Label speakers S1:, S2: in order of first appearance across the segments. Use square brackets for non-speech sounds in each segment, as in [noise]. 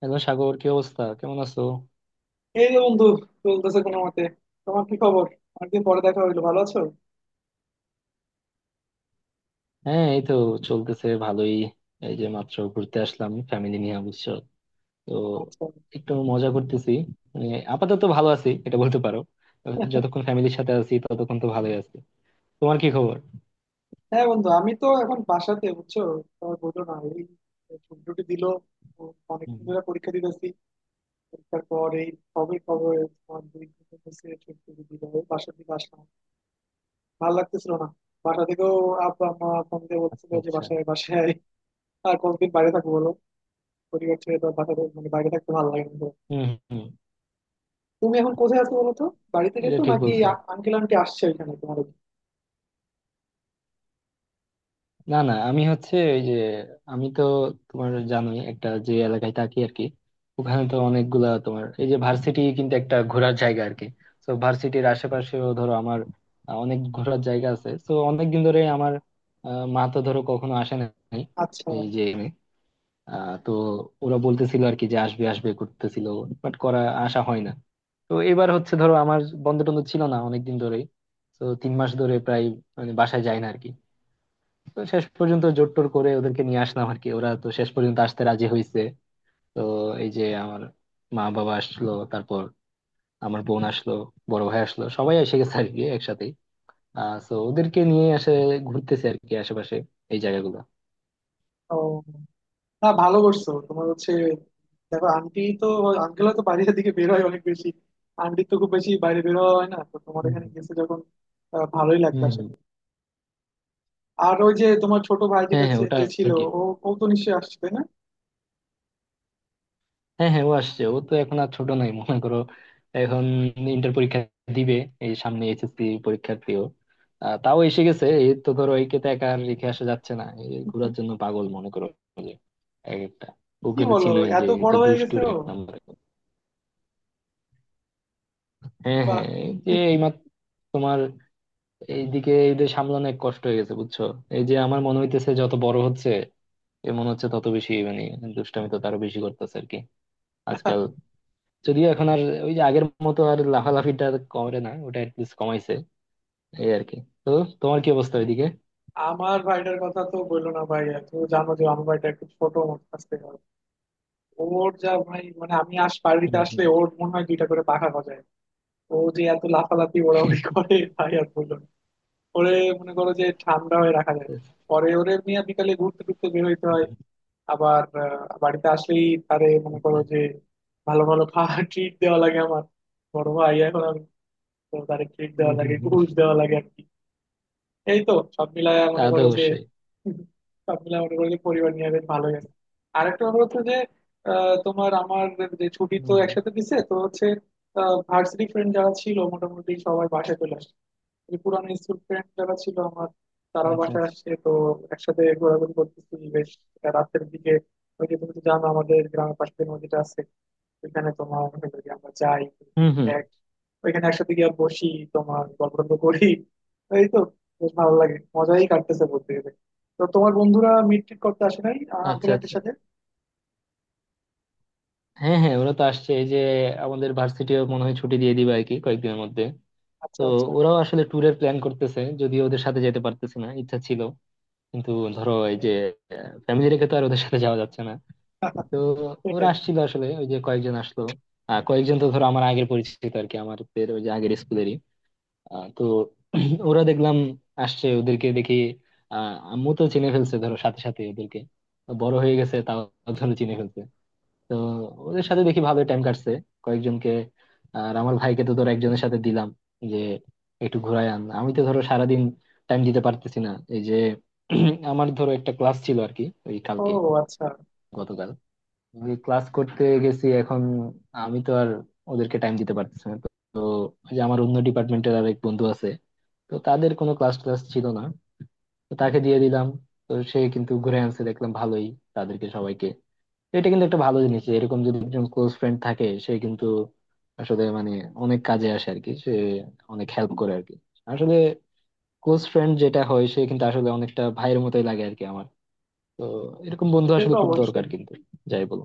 S1: Hello Sagar, কি অবস্থা, কেমন আছো?
S2: এই যে বন্ধু, চলতেছে কোনো মতে। তোমার কি খবর? অনেকদিন পরে দেখা হইলো, ভালো আছো?
S1: হ্যাঁ এই তো চলতেছে ভালোই। এই যে মাত্র ঘুরতে আসলাম ফ্যামিলি নিয়ে বুঝছো। তো
S2: আচ্ছা।
S1: একটু মজা করতেছি, মানে আপাতত ভালো আছি এটা বলতে পারো। যতক্ষণ ফ্যামিলির সাথে আছি ততক্ষণ তো ভালোই আছি। তোমার কি খবর?
S2: হ্যাঁ বন্ধু, আমি তো এখন বাসাতে বুঝছো। তোমার বললো না, এই ছুটি টুটি দিল,
S1: হুম।
S2: অনেকদিন ধরে পরীক্ষা দিতেছি। পরীক্ষার পর এই কবে কবে তোমার দুই দিন হচ্ছে ছুটি টুটি দিল, এই বাসার দিকে আসলাম। ভালো লাগতেছিল না বাসা থেকেও। আব্বা মা ফোন দিয়ে
S1: আচ্ছা
S2: বলছিল যে
S1: আচ্ছা।
S2: বাসায় বাসায় আয়। আর কতদিন বাইরে থাকবো বলো? পরিবার ছেড়ে তো আর বাসাতে মানে বাইরে থাকতে ভালো লাগে না তো।
S1: হম হম।
S2: তুমি এখন কোথায় আছো বলো তো? বাড়িতে
S1: এটা
S2: গেছো
S1: ঠিক
S2: নাকি?
S1: বলছো।
S2: আঙ্কেল আন্টি আসছে ওইখানে তোমার?
S1: না না, আমি হচ্ছে ওই যে, আমি তো তোমার জানোই একটা যে এলাকায় থাকি আর কি। ওখানে তো অনেকগুলা তোমার এই যে ভার্সিটি কিন্তু একটা ঘোরার জায়গা আর কি। তো ভার্সিটির আশেপাশেও ধরো আমার অনেক ঘোরার জায়গা আছে, তো অনেকদিন ধরে আমার মা তো ধরো কখনো আসে নাই।
S2: আচ্ছা।
S1: এই যে তো ওরা বলতেছিল আর কি যে আসবে আসবে করতেছিল, বাট করা আসা হয় না। তো এবার হচ্ছে ধরো আমার বন্ধ টন্ধ ছিল না অনেকদিন ধরেই, তো 3 মাস ধরে প্রায় মানে বাসায় যায় না আরকি। তো শেষ পর্যন্ত জোর টোর করে ওদেরকে নিয়ে আসলাম আর কি, ওরা তো শেষ পর্যন্ত আসতে রাজি হয়েছে। তো এই যে আমার মা বাবা আসলো, তারপর আমার বোন আসলো, বড় ভাই আসলো, সবাই এসে গেছে আর কি একসাথে। তো ওদেরকে নিয়ে এসে ঘুরতেছে আর কি আশেপাশে এই জায়গাগুলো।
S2: ও, না ভালো করছো। তোমার হচ্ছে দেখো আন্টি তো, আঙ্কেল তো বাইরের দিকে বের হয় অনেক বেশি, আন্টি তো খুব বেশি বাইরে বের হওয়া হয় না, তো তোমার
S1: হুম
S2: এখানে গেছে যখন ভালোই
S1: হুম
S2: লাগবে
S1: হুম
S2: আশা
S1: হুম।
S2: করি। আর ওই যে তোমার ছোট ভাই,
S1: হ্যাঁ
S2: যেটা
S1: হ্যাঁ
S2: যে
S1: ওটা
S2: যে ছিল,
S1: আর কি।
S2: ও, ও তো নিশ্চয়ই আসছে তাই না?
S1: হ্যাঁ হ্যাঁ ও আসছে, ও তো এখন আর ছোট নাই মনে করো। এখন ইন্টার পরীক্ষা দিবে, এই সামনে এইচএসসি পরীক্ষার্থীও। তাও এসে গেছে এই তো ধরো, একে তো একা আর রেখে আসা যাচ্ছে না, এই ঘোরার জন্য পাগল মনে করো। যে এক একটা,
S2: কি
S1: ওকে তো
S2: বলো,
S1: চিনোই
S2: এত
S1: যে,
S2: বড়
S1: যে
S2: হয়ে গেছে
S1: দুষ্টুর
S2: ও!
S1: এক নম্বর। হ্যাঁ
S2: বাহ।
S1: হ্যাঁ এই যে এইমাত্র তোমার এইদিকে এদের সামলানো এক কষ্ট হয়ে গেছে বুঝছো। এই যে আমার মনে হইতেছে যত বড় হচ্ছে এ মনে হচ্ছে তত বেশি, মানে দুষ্টামি তো তারও বেশি করতেছে আর কি আজকাল। যদিও এখন আর ওই যে আগের মতো আর লাফালাফিটা আর কমে না, ওটা অ্যাটলিস্ট কমাইছে এই আর কি। তো তোমার কি অবস্থা ওইদিকে?
S2: আমার ভাইটার কথা তো বললো না ভাই। তুমি জানো যে আমার ভাইটা একটু ছোট মতো আসতে, ওর যা ভাই, মানে আমি আস
S1: হুম
S2: বাড়িতে
S1: হুম।
S2: আসলে ওর মনে হয় দুইটা করে পাখা গজায়। ও যে এত লাফালাফি ওড়াউড়ি করে ভাই, আর বললো না। ওরে মনে করো যে ঠান্ডা হয়ে রাখা যায় না। পরে ওরে নিয়ে বিকালে ঘুরতে টুরতে বের হইতে হয়। আবার বাড়িতে আসলেই তারে মনে করো
S1: আচ্ছা।
S2: যে ভালো ভালো খাওয়া, ট্রিট দেওয়া লাগে। আমার বড় ভাই এখন আমি, তো তারে ট্রিট
S1: হুম,
S2: দেওয়া
S1: হুম,
S2: লাগে,
S1: হুম।
S2: ঘুষ দেওয়া লাগে। এই তো। সব মিলায়
S1: তা
S2: মনে
S1: তো
S2: করো যে,
S1: অবশ্যই।
S2: পরিবার নিয়ে বেশ ভালোই আছে। আরেকটা ব্যাপার হচ্ছে যে তোমার আমার যে ছুটি
S1: হুম,
S2: তো
S1: হুম।
S2: একসাথে দিছে, তো হচ্ছে ভার্সিটি ফ্রেন্ড যারা ছিল মোটামুটি সবাই বাসায় চলে আসছে। যে পুরানো স্কুল ফ্রেন্ড যারা ছিল আমার, তারাও
S1: আচ্ছা
S2: বাসায়
S1: আচ্ছা।
S2: আসছে তো। একসাথে ঘোরাঘুরি করতেছি বেশ। রাতের দিকে ওই যে তুমি তো জানো আমাদের গ্রামের পাশে যে নদীটা আছে, ওইখানে তোমার হলো গিয়ে আমরা যাই।
S1: হুম হুম।
S2: এক, ওইখানে একসাথে গিয়ে বসি, তোমার গল্প টল্প করি। এই তো, বেশ ভালো লাগে, মজাই কাটতেছে বলতে গেলে। তো তোমার বন্ধুরা মিট টিট করতে আসে নাই আঙ্কেল
S1: আচ্ছা
S2: আন্টির
S1: আচ্ছা।
S2: সাথে?
S1: হ্যাঁ হ্যাঁ ওরা তো আসছে, এই যে আমাদের ভার্সিটিও মনে হয় ছুটি দিয়ে দিবে আর কি কয়েকদিনের মধ্যে।
S2: আচ্ছা
S1: তো
S2: আচ্ছা।
S1: ওরাও আসলে ট্যুরের প্ল্যান করতেছে, যদিও ওদের সাথে যেতে পারতেছে না, ইচ্ছা ছিল কিন্তু ধরো এই যে ফ্যামিলি রেখে তো আর ওদের সাথে যাওয়া যাচ্ছে না।
S2: [laughs]
S1: তো ওরা
S2: সেটাই।
S1: আসছিল আসলে, ওই যে কয়েকজন আসলো। কয়েকজন তো ধরো আমার আগের পরিচিত আর কি, আমাদের ওই যে আগের স্কুলেরই। তো [clears throat] ওরা দেখলাম আসছে, ওদেরকে দেখি আম্মু তো চিনে ফেলছে ধরো সাথে সাথে ওদেরকে। বড় হয়ে গেছে তাও ধরো চিনে ফেলছে। তো ওদের সাথে দেখি ভালোই টাইম কাটছে কয়েকজনকে। আর আমার ভাইকে তো ধরো একজনের সাথে দিলাম যে একটু ঘুরাই আন, আমি তো ধরো সারাদিন টাইম দিতে পারতেছি না এই যে। [clears throat] আমার ধরো একটা ক্লাস ছিল আর কি ওই
S2: ও
S1: কালকে,
S2: আচ্ছা।
S1: গতকাল আমি ক্লাস করতে গেছি, এখন আমি তো আর ওদেরকে টাইম দিতে পারতেছি না তো। তো ওই যে আমার অন্য ডিপার্টমেন্টের আর এক বন্ধু আছে, তো তাদের কোনো ক্লাস ক্লাস ছিল না, তো তাকে দিয়ে দিলাম। তো সে কিন্তু ঘুরে আনছে দেখলাম ভালোই তাদেরকে সবাইকে। তো এটা কিন্তু একটা ভালো জিনিস যে এরকম যদি একজন ক্লোজ ফ্রেন্ড থাকে সে কিন্তু আসলে মানে অনেক কাজে আসে আর কি সে, অনেক হেল্প করে আর কি আসলে। ক্লোজ ফ্রেন্ড যেটা হয় সে কিন্তু আসলে অনেকটা ভাইয়ের মতোই লাগে আর কি আমার। তো এরকম বন্ধু
S2: সে
S1: আসলে
S2: তো
S1: খুব দরকার
S2: অবশ্যই।
S1: কিন্তু, যাই বলো।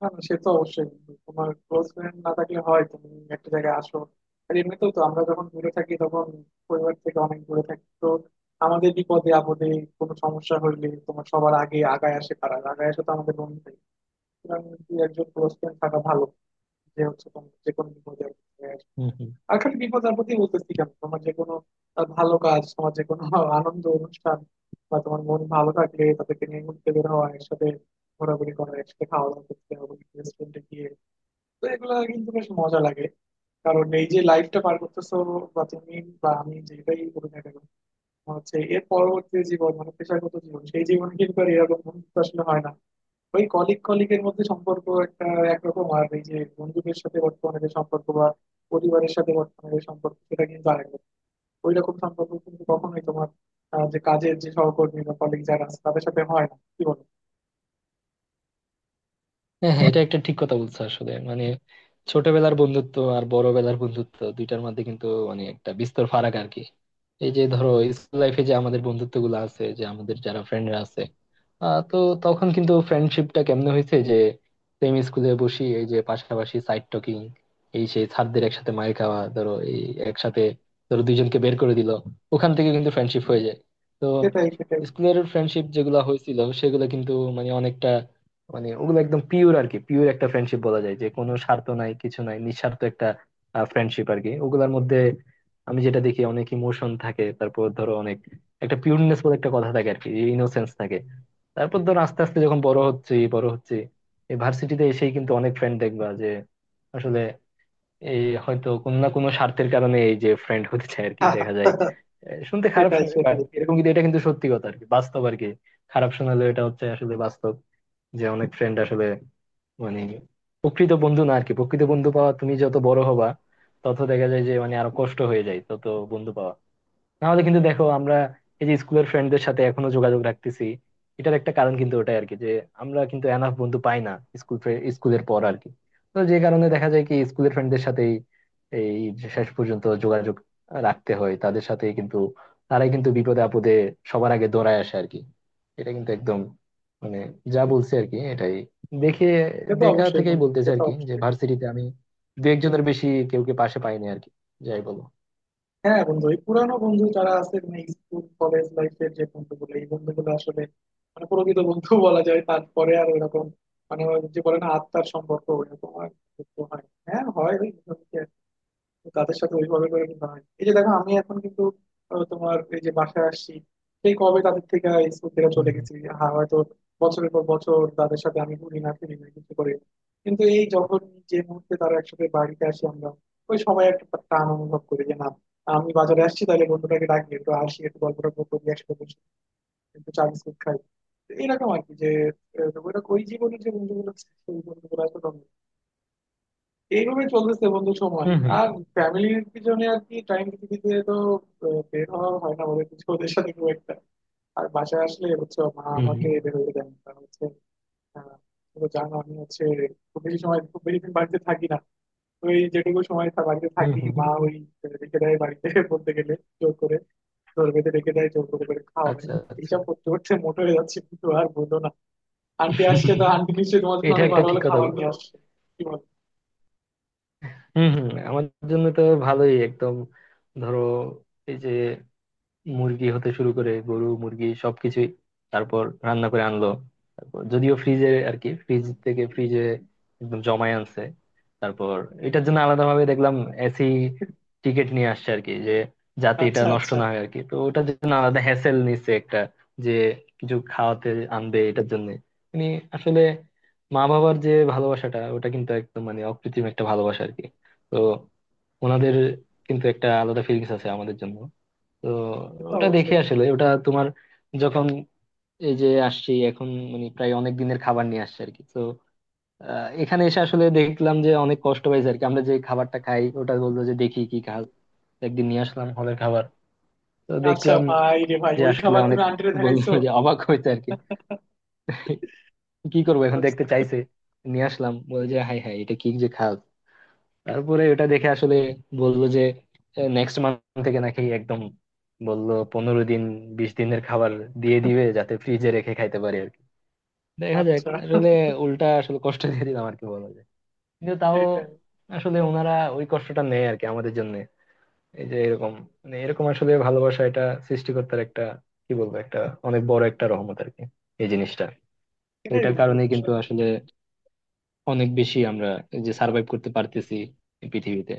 S2: না না, সে তো অবশ্যই। তোমার ক্লোজ ফ্রেন্ড না থাকলে হয় তুমি একটা জায়গায় আসো, আর এমনিতেও তো আমরা যখন দূরে থাকি তখন পরিবার থেকে অনেক দূরে থাকি, তো আমাদের বিপদে আপদে, কোনো সমস্যা হইলে তোমার সবার আগে আগায় আসে, কারা আগায় আসে? তো আমাদের বন্ধু। সুতরাং দুই একজন ক্লোজ ফ্রেন্ড থাকা ভালো, যে হচ্ছে তোমার যে কোনো বিপদে উঠে আসবে। আর খালি বিপদ আপদে বলতেছি কেন, তোমার যে কোনো ভালো কাজ, তোমার যে কোনো [laughs] আনন্দ অনুষ্ঠান, বা তোমার মন ভালো থাকলে তাদেরকে নিয়ে ঘুরতে বের হওয়া, একসাথে ঘোরাঘুরি করা, একসাথে খাওয়া দাওয়া করতে হবে রেস্টুরেন্টে গিয়ে। তো এগুলো কিন্তু বেশ মজা লাগে। কারণ এই যে লাইফটা পার করতেছো, বা তুমি বা আমি যেটাই করি না কেন, আমার হচ্ছে এর পরবর্তী জীবন মানে পেশাগত জীবন, সেই জীবনে কিন্তু আর এরকম বন্ধুত্ব আসলে হয় না। ওই কলিগ কলিগের মধ্যে সম্পর্ক একটা একরকম, আর এই যে বন্ধুদের সাথে বর্তমানে যে সম্পর্ক, বা পরিবারের সাথে বর্তমানে যে সম্পর্ক, সেটা কিন্তু আরেক রকম। ওই রকম সম্পর্ক কিন্তু কখনোই তোমার যে কাজের যে সহকর্মী বা কলিগ যারা আছে তাদের সাথে হয় না, কি বলো?
S1: হ্যাঁ হ্যাঁ এটা একটা ঠিক কথা বলছো, আসলে মানে ছোটবেলার বন্ধুত্ব আর বড়বেলার বন্ধুত্ব দুইটার মধ্যে কিন্তু মানে একটা বিস্তর ফারাক আর কি। এই যে ধরো স্কুল লাইফে যে আমাদের বন্ধুত্ব গুলো আছে যে আমাদের যারা ফ্রেন্ডরা আছে তো তখন কিন্তু ফ্রেন্ডশিপটা কেমনে হয়েছে যে সেম স্কুলে বসি, এই যে পাশাপাশি সাইড টকিং, এই সেই ছাত্রদের একসাথে মাইর খাওয়া ধরো, এই একসাথে ধরো দুইজনকে বের করে দিল, ওখান থেকে কিন্তু ফ্রেন্ডশিপ হয়ে যায়। তো
S2: সেটাই সেটাই।
S1: স্কুলের ফ্রেন্ডশিপ যেগুলো হয়েছিল সেগুলো কিন্তু মানে অনেকটা, মানে ওগুলো একদম পিওর আর কি, পিওর একটা ফ্রেন্ডশিপ বলা যায়, যে কোনো স্বার্থ নাই কিছু নাই, নিঃস্বার্থ একটা ফ্রেন্ডশিপ আর কি ওগুলোর মধ্যে। আমি যেটা দেখি অনেক ইমোশন থাকে, তারপর ধরো অনেক একটা পিওরনেস বলে একটা কথা থাকে আর কি, ইনোসেন্স থাকে। তারপর ধরো আস্তে আস্তে যখন বড় হচ্ছে বড় হচ্ছে, এই ভার্সিটিতে এসেই কিন্তু অনেক ফ্রেন্ড দেখবা যে আসলে এই হয়তো কোনো না কোনো স্বার্থের কারণে এই যে ফ্রেন্ড হতে চায় আর কি দেখা যায়।
S2: [laughs]
S1: শুনতে খারাপ
S2: সেটাই
S1: শোনায় বাট
S2: সেটাই।
S1: এরকম কিন্তু, এটা কিন্তু সত্যি কথা আর কি, বাস্তব আর কি। খারাপ শোনালেও এটা হচ্ছে আসলে বাস্তব, যে অনেক ফ্রেন্ড আসলে মানে প্রকৃত বন্ধু না আর কি। প্রকৃত বন্ধু পাওয়া, তুমি যত বড় হবা তত দেখা যায় যে মানে আরো কষ্ট হয়ে যায় তত বন্ধু পাওয়া। নাহলে কিন্তু দেখো আমরা এই যে স্কুলের ফ্রেন্ডদের সাথে এখনো যোগাযোগ রাখতেছি, এটার একটা কারণ কিন্তু ওটাই আর কি, যে আমরা কিন্তু এনাফ বন্ধু পাই না স্কুলের পর আর কি। তো যে কারণে দেখা যায় কি স্কুলের ফ্রেন্ডদের সাথেই এই যে শেষ পর্যন্ত যোগাযোগ রাখতে হয় তাদের সাথে, কিন্তু তারাই কিন্তু বিপদে আপদে সবার আগে দৌড়ায় আসে আর কি। এটা কিন্তু একদম মানে যা বলছে আর কি এটাই, দেখে
S2: সে তো
S1: দেখা
S2: অবশ্যই
S1: থেকেই
S2: বন্ধু, সে
S1: বলতেছে আর
S2: তো
S1: কি, যে
S2: অবশ্যই।
S1: ভার্সিটিতে আমি দু একজনের বেশি কেউকে পাশে পাইনি আর কি, যাই বলো।
S2: হ্যাঁ বন্ধু, এই পুরানো বন্ধু যারা আছে, মানে স্কুল কলেজ লাইফের যে বন্ধুগুলো, এই বন্ধুগুলো আসলে মানে প্রকৃত বন্ধু [laughs] বলা যায়। তারপরে আর ওইরকম, মানে ওই যে বলে না আত্মার সম্পর্ক, ওইরকম আর বন্ধুত্ব হয় না। হ্যাঁ হয় ওই। তো তাদের সাথে ওইভাবে করে মেশা হয়। এই যে দেখো আমি এখন কিন্তু তোমার এই যে বাসায় আসছি, সেই কবে তাদের থেকে আর স্কুল থেকে চলে
S1: হুম
S2: গেছি। হ্যাঁ হয়তো বছরের পর বছর তাদের সাথে আমি ঘুরি না, ফিরি না, কিছু করে। কিন্তু এই যখন যে মুহূর্তে তারা একসাথে বাড়িতে আসি আমরা, ওই সময় একটা টান অনুভব করি যে না, আমি বাজারে আসছি, তাহলে বন্ধুটাকে ডাকি, একটু আসি, একটু গল্প টল্প করি একসাথে বসে, একটু চা বিস্কুট খাই। তো এরকম আর কি যে ওইটা ওই জীবনের যে বন্ধুগুলো ছিল, সেই বন্ধুগুলো আসলে এইভাবে চলতেছে বন্ধু সময়।
S1: হুম হুম
S2: আর ফ্যামিলির পিছনে আর কি টাইম দিতে তো বের হওয়া হয় না ওদের কিছু, ওদের সাথে খুব একটা। আর বাসায় আসলে হচ্ছে মা
S1: হুম।
S2: আমাকে বের হতে দেন না। কারণ হচ্ছে আহ, তুমি তো জানো আমি হচ্ছে খুব বেশি সময়, খুব বেশি দিন বাড়িতে থাকি না। তো এই যেটুকু সময় তা বাড়িতে
S1: হম
S2: থাকি
S1: হম।
S2: মা ওই রেখে দেয় বাড়িতে [laughs] বলতে গেলে জোর করে, জোর বেঁধে রেখে দেয়, জোর করে করে খাওয়ায়।
S1: আচ্ছা আচ্ছা।
S2: এইসব করতে করতে মোটা হয়ে যাচ্ছে কিন্তু, আর বললো না। আন্টি আসছে তো, আন্টি নিশ্চয়ই তোমার জন্য
S1: এটা
S2: অনেক
S1: একটা
S2: ভালো
S1: ঠিক
S2: ভালো
S1: কথা
S2: খাবার নিয়ে
S1: বলছো।
S2: আসছে। কি বল।
S1: হম হম, আমার জন্য তো ভালোই একদম ধরো, এই যে মুরগি হতে শুরু করে গরু মুরগি সবকিছুই, তারপর রান্না করে আনলো, তারপর যদিও ফ্রিজে আর কি ফ্রিজ থেকে ফ্রিজে একদম জমায় আনছে। তারপর এটার জন্য আলাদা ভাবে দেখলাম এসি টিকিট নিয়ে আসছে আর কি, যে যাতে এটা
S2: আচ্ছা
S1: নষ্ট
S2: আচ্ছা।
S1: না হয় আর কি, তো ওটার জন্য আলাদা হ্যাসেল নিচ্ছে একটা, যে কিছু খাওয়াতে আনবে এটার জন্য। মানে আসলে মা বাবার যে ভালোবাসাটা ওটা কিন্তু একদম মানে অকৃত্রিম একটা ভালোবাসা আর কি। তো ওনাদের কিন্তু একটা আলাদা ফিলিংস আছে আমাদের জন্য। তো
S2: সে তো
S1: ওটা
S2: অবশ্যই।
S1: দেখে আসলে, ওটা তোমার যখন এই যে আসছি এখন মানে প্রায় অনেক দিনের খাবার নিয়ে আসছে আর কি তো, এখানে এসে আসলে দেখলাম যে অনেক কষ্ট পাইছে আর কি, আমরা যে খাবারটা খাই ওটা বললো যে দেখি কি খাল, একদিন নিয়ে আসলাম হলের খাবার। তো
S2: আচ্ছা
S1: দেখলাম
S2: ভাই রে ভাই,
S1: যে
S2: ওই
S1: আসলে
S2: খাবার
S1: অনেক,
S2: তুমি আন্টিরে
S1: বললো
S2: দেখাইছো?
S1: যে অবাক হয়েছে আর কি, কি
S2: কি
S1: করবো এখন
S2: করছো?
S1: দেখতে চাইছে। নিয়ে আসলাম বলে যে হাই হাই এটা কি যে খাল। তারপরে ওটা দেখে আসলে বললো যে নেক্সট মান্থ থেকে নাকি একদম, বললো 15 দিন 20 দিনের খাবার দিয়ে দিবে যাতে ফ্রিজে রেখে খাইতে পারি আর কি। দেখা যাক
S2: আচ্ছা।
S1: আসলে। উল্টা আসলে কষ্ট [laughs] দিয়ে দিলাম আর কি বলা যায়, কিন্তু তাও
S2: সেটাই।
S1: আসলে ওনারা ওই কষ্টটা নেয় আর কি আমাদের জন্য। এই যে এরকম, মানে এরকম আসলে ভালোবাসা, এটা সৃষ্টিকর্তার একটা কি বলবো একটা অনেক বড় একটা রহমত আর কি এই জিনিসটা। তো
S2: সেটাই
S1: এটার
S2: বন্ধু।
S1: কারণেই কিন্তু আসলে অনেক বেশি আমরা এই যে সার্ভাইভ করতে পারতেছি এই পৃথিবীতে।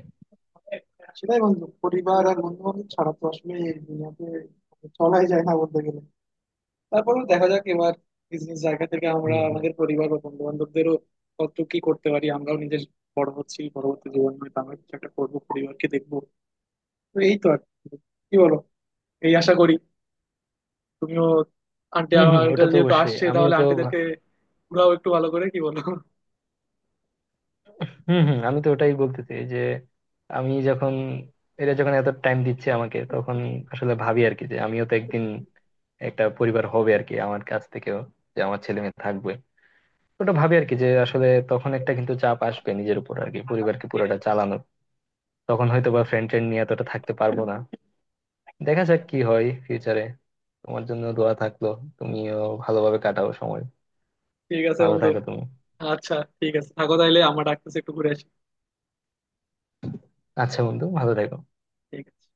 S2: সেটাই বন্ধু, পরিবার আর বন্ধু বান্ধব ছাড়া তো আসলে এই দুনিয়াতে চলাই যায় না বলতে গেলে। তারপরেও দেখা যাক এবার নিজ নিজ জায়গা থেকে আমরা
S1: হম
S2: আমাদের পরিবার বা বন্ধু বান্ধবদেরও কত কি করতে পারি, আমরাও নিজের বড় হচ্ছি, পরবর্তী জীবন হয়তো আমরা কিছু একটা করবো, পরিবারকে দেখবো। তো এই তো আর কি, কি বলো? এই আশা করি তুমিও, আন্টি
S1: হম হম,
S2: আমার
S1: ওটা তো
S2: যেহেতু
S1: অবশ্যই,
S2: আসছে,
S1: আমি
S2: তাহলে
S1: তো
S2: আন্টিদেরকে ঘুরাও একটু ভালো করে, কি বলো?
S1: হম হম। আমি তো ওটাই বলতেছি যে আমি যখন, এরা যখন এত টাইম দিচ্ছে আমাকে তখন আসলে ভাবি আর কি, যে আমিও তো একদিন একটা পরিবার হবে আর কি আমার কাছ থেকেও, যে আমার ছেলে মেয়ে থাকবে। ওটা ভাবি আর কি যে আসলে তখন একটা কিন্তু চাপ আসবে নিজের উপর আর কি পরিবারকে
S2: ঠিক
S1: পুরোটা চালানোর। তখন হয়তো বা ফ্রেন্ড ট্রেন্ড নিয়ে এতটা থাকতে পারবো না। দেখা যাক কি হয় ফিউচারে। তোমার জন্য দোয়া থাকলো, তুমিও ভালোভাবে কাটাও সময়,
S2: আছে
S1: ভালো
S2: বন্ধু।
S1: থাকো তুমি।
S2: আচ্ছা, ঠিক আছে, থাকো তাইলে, আমরা ডাকতেছি, একটু ঘুরে আসি।
S1: আচ্ছা বন্ধু, ভালো থাকো।
S2: ঠিক আছে।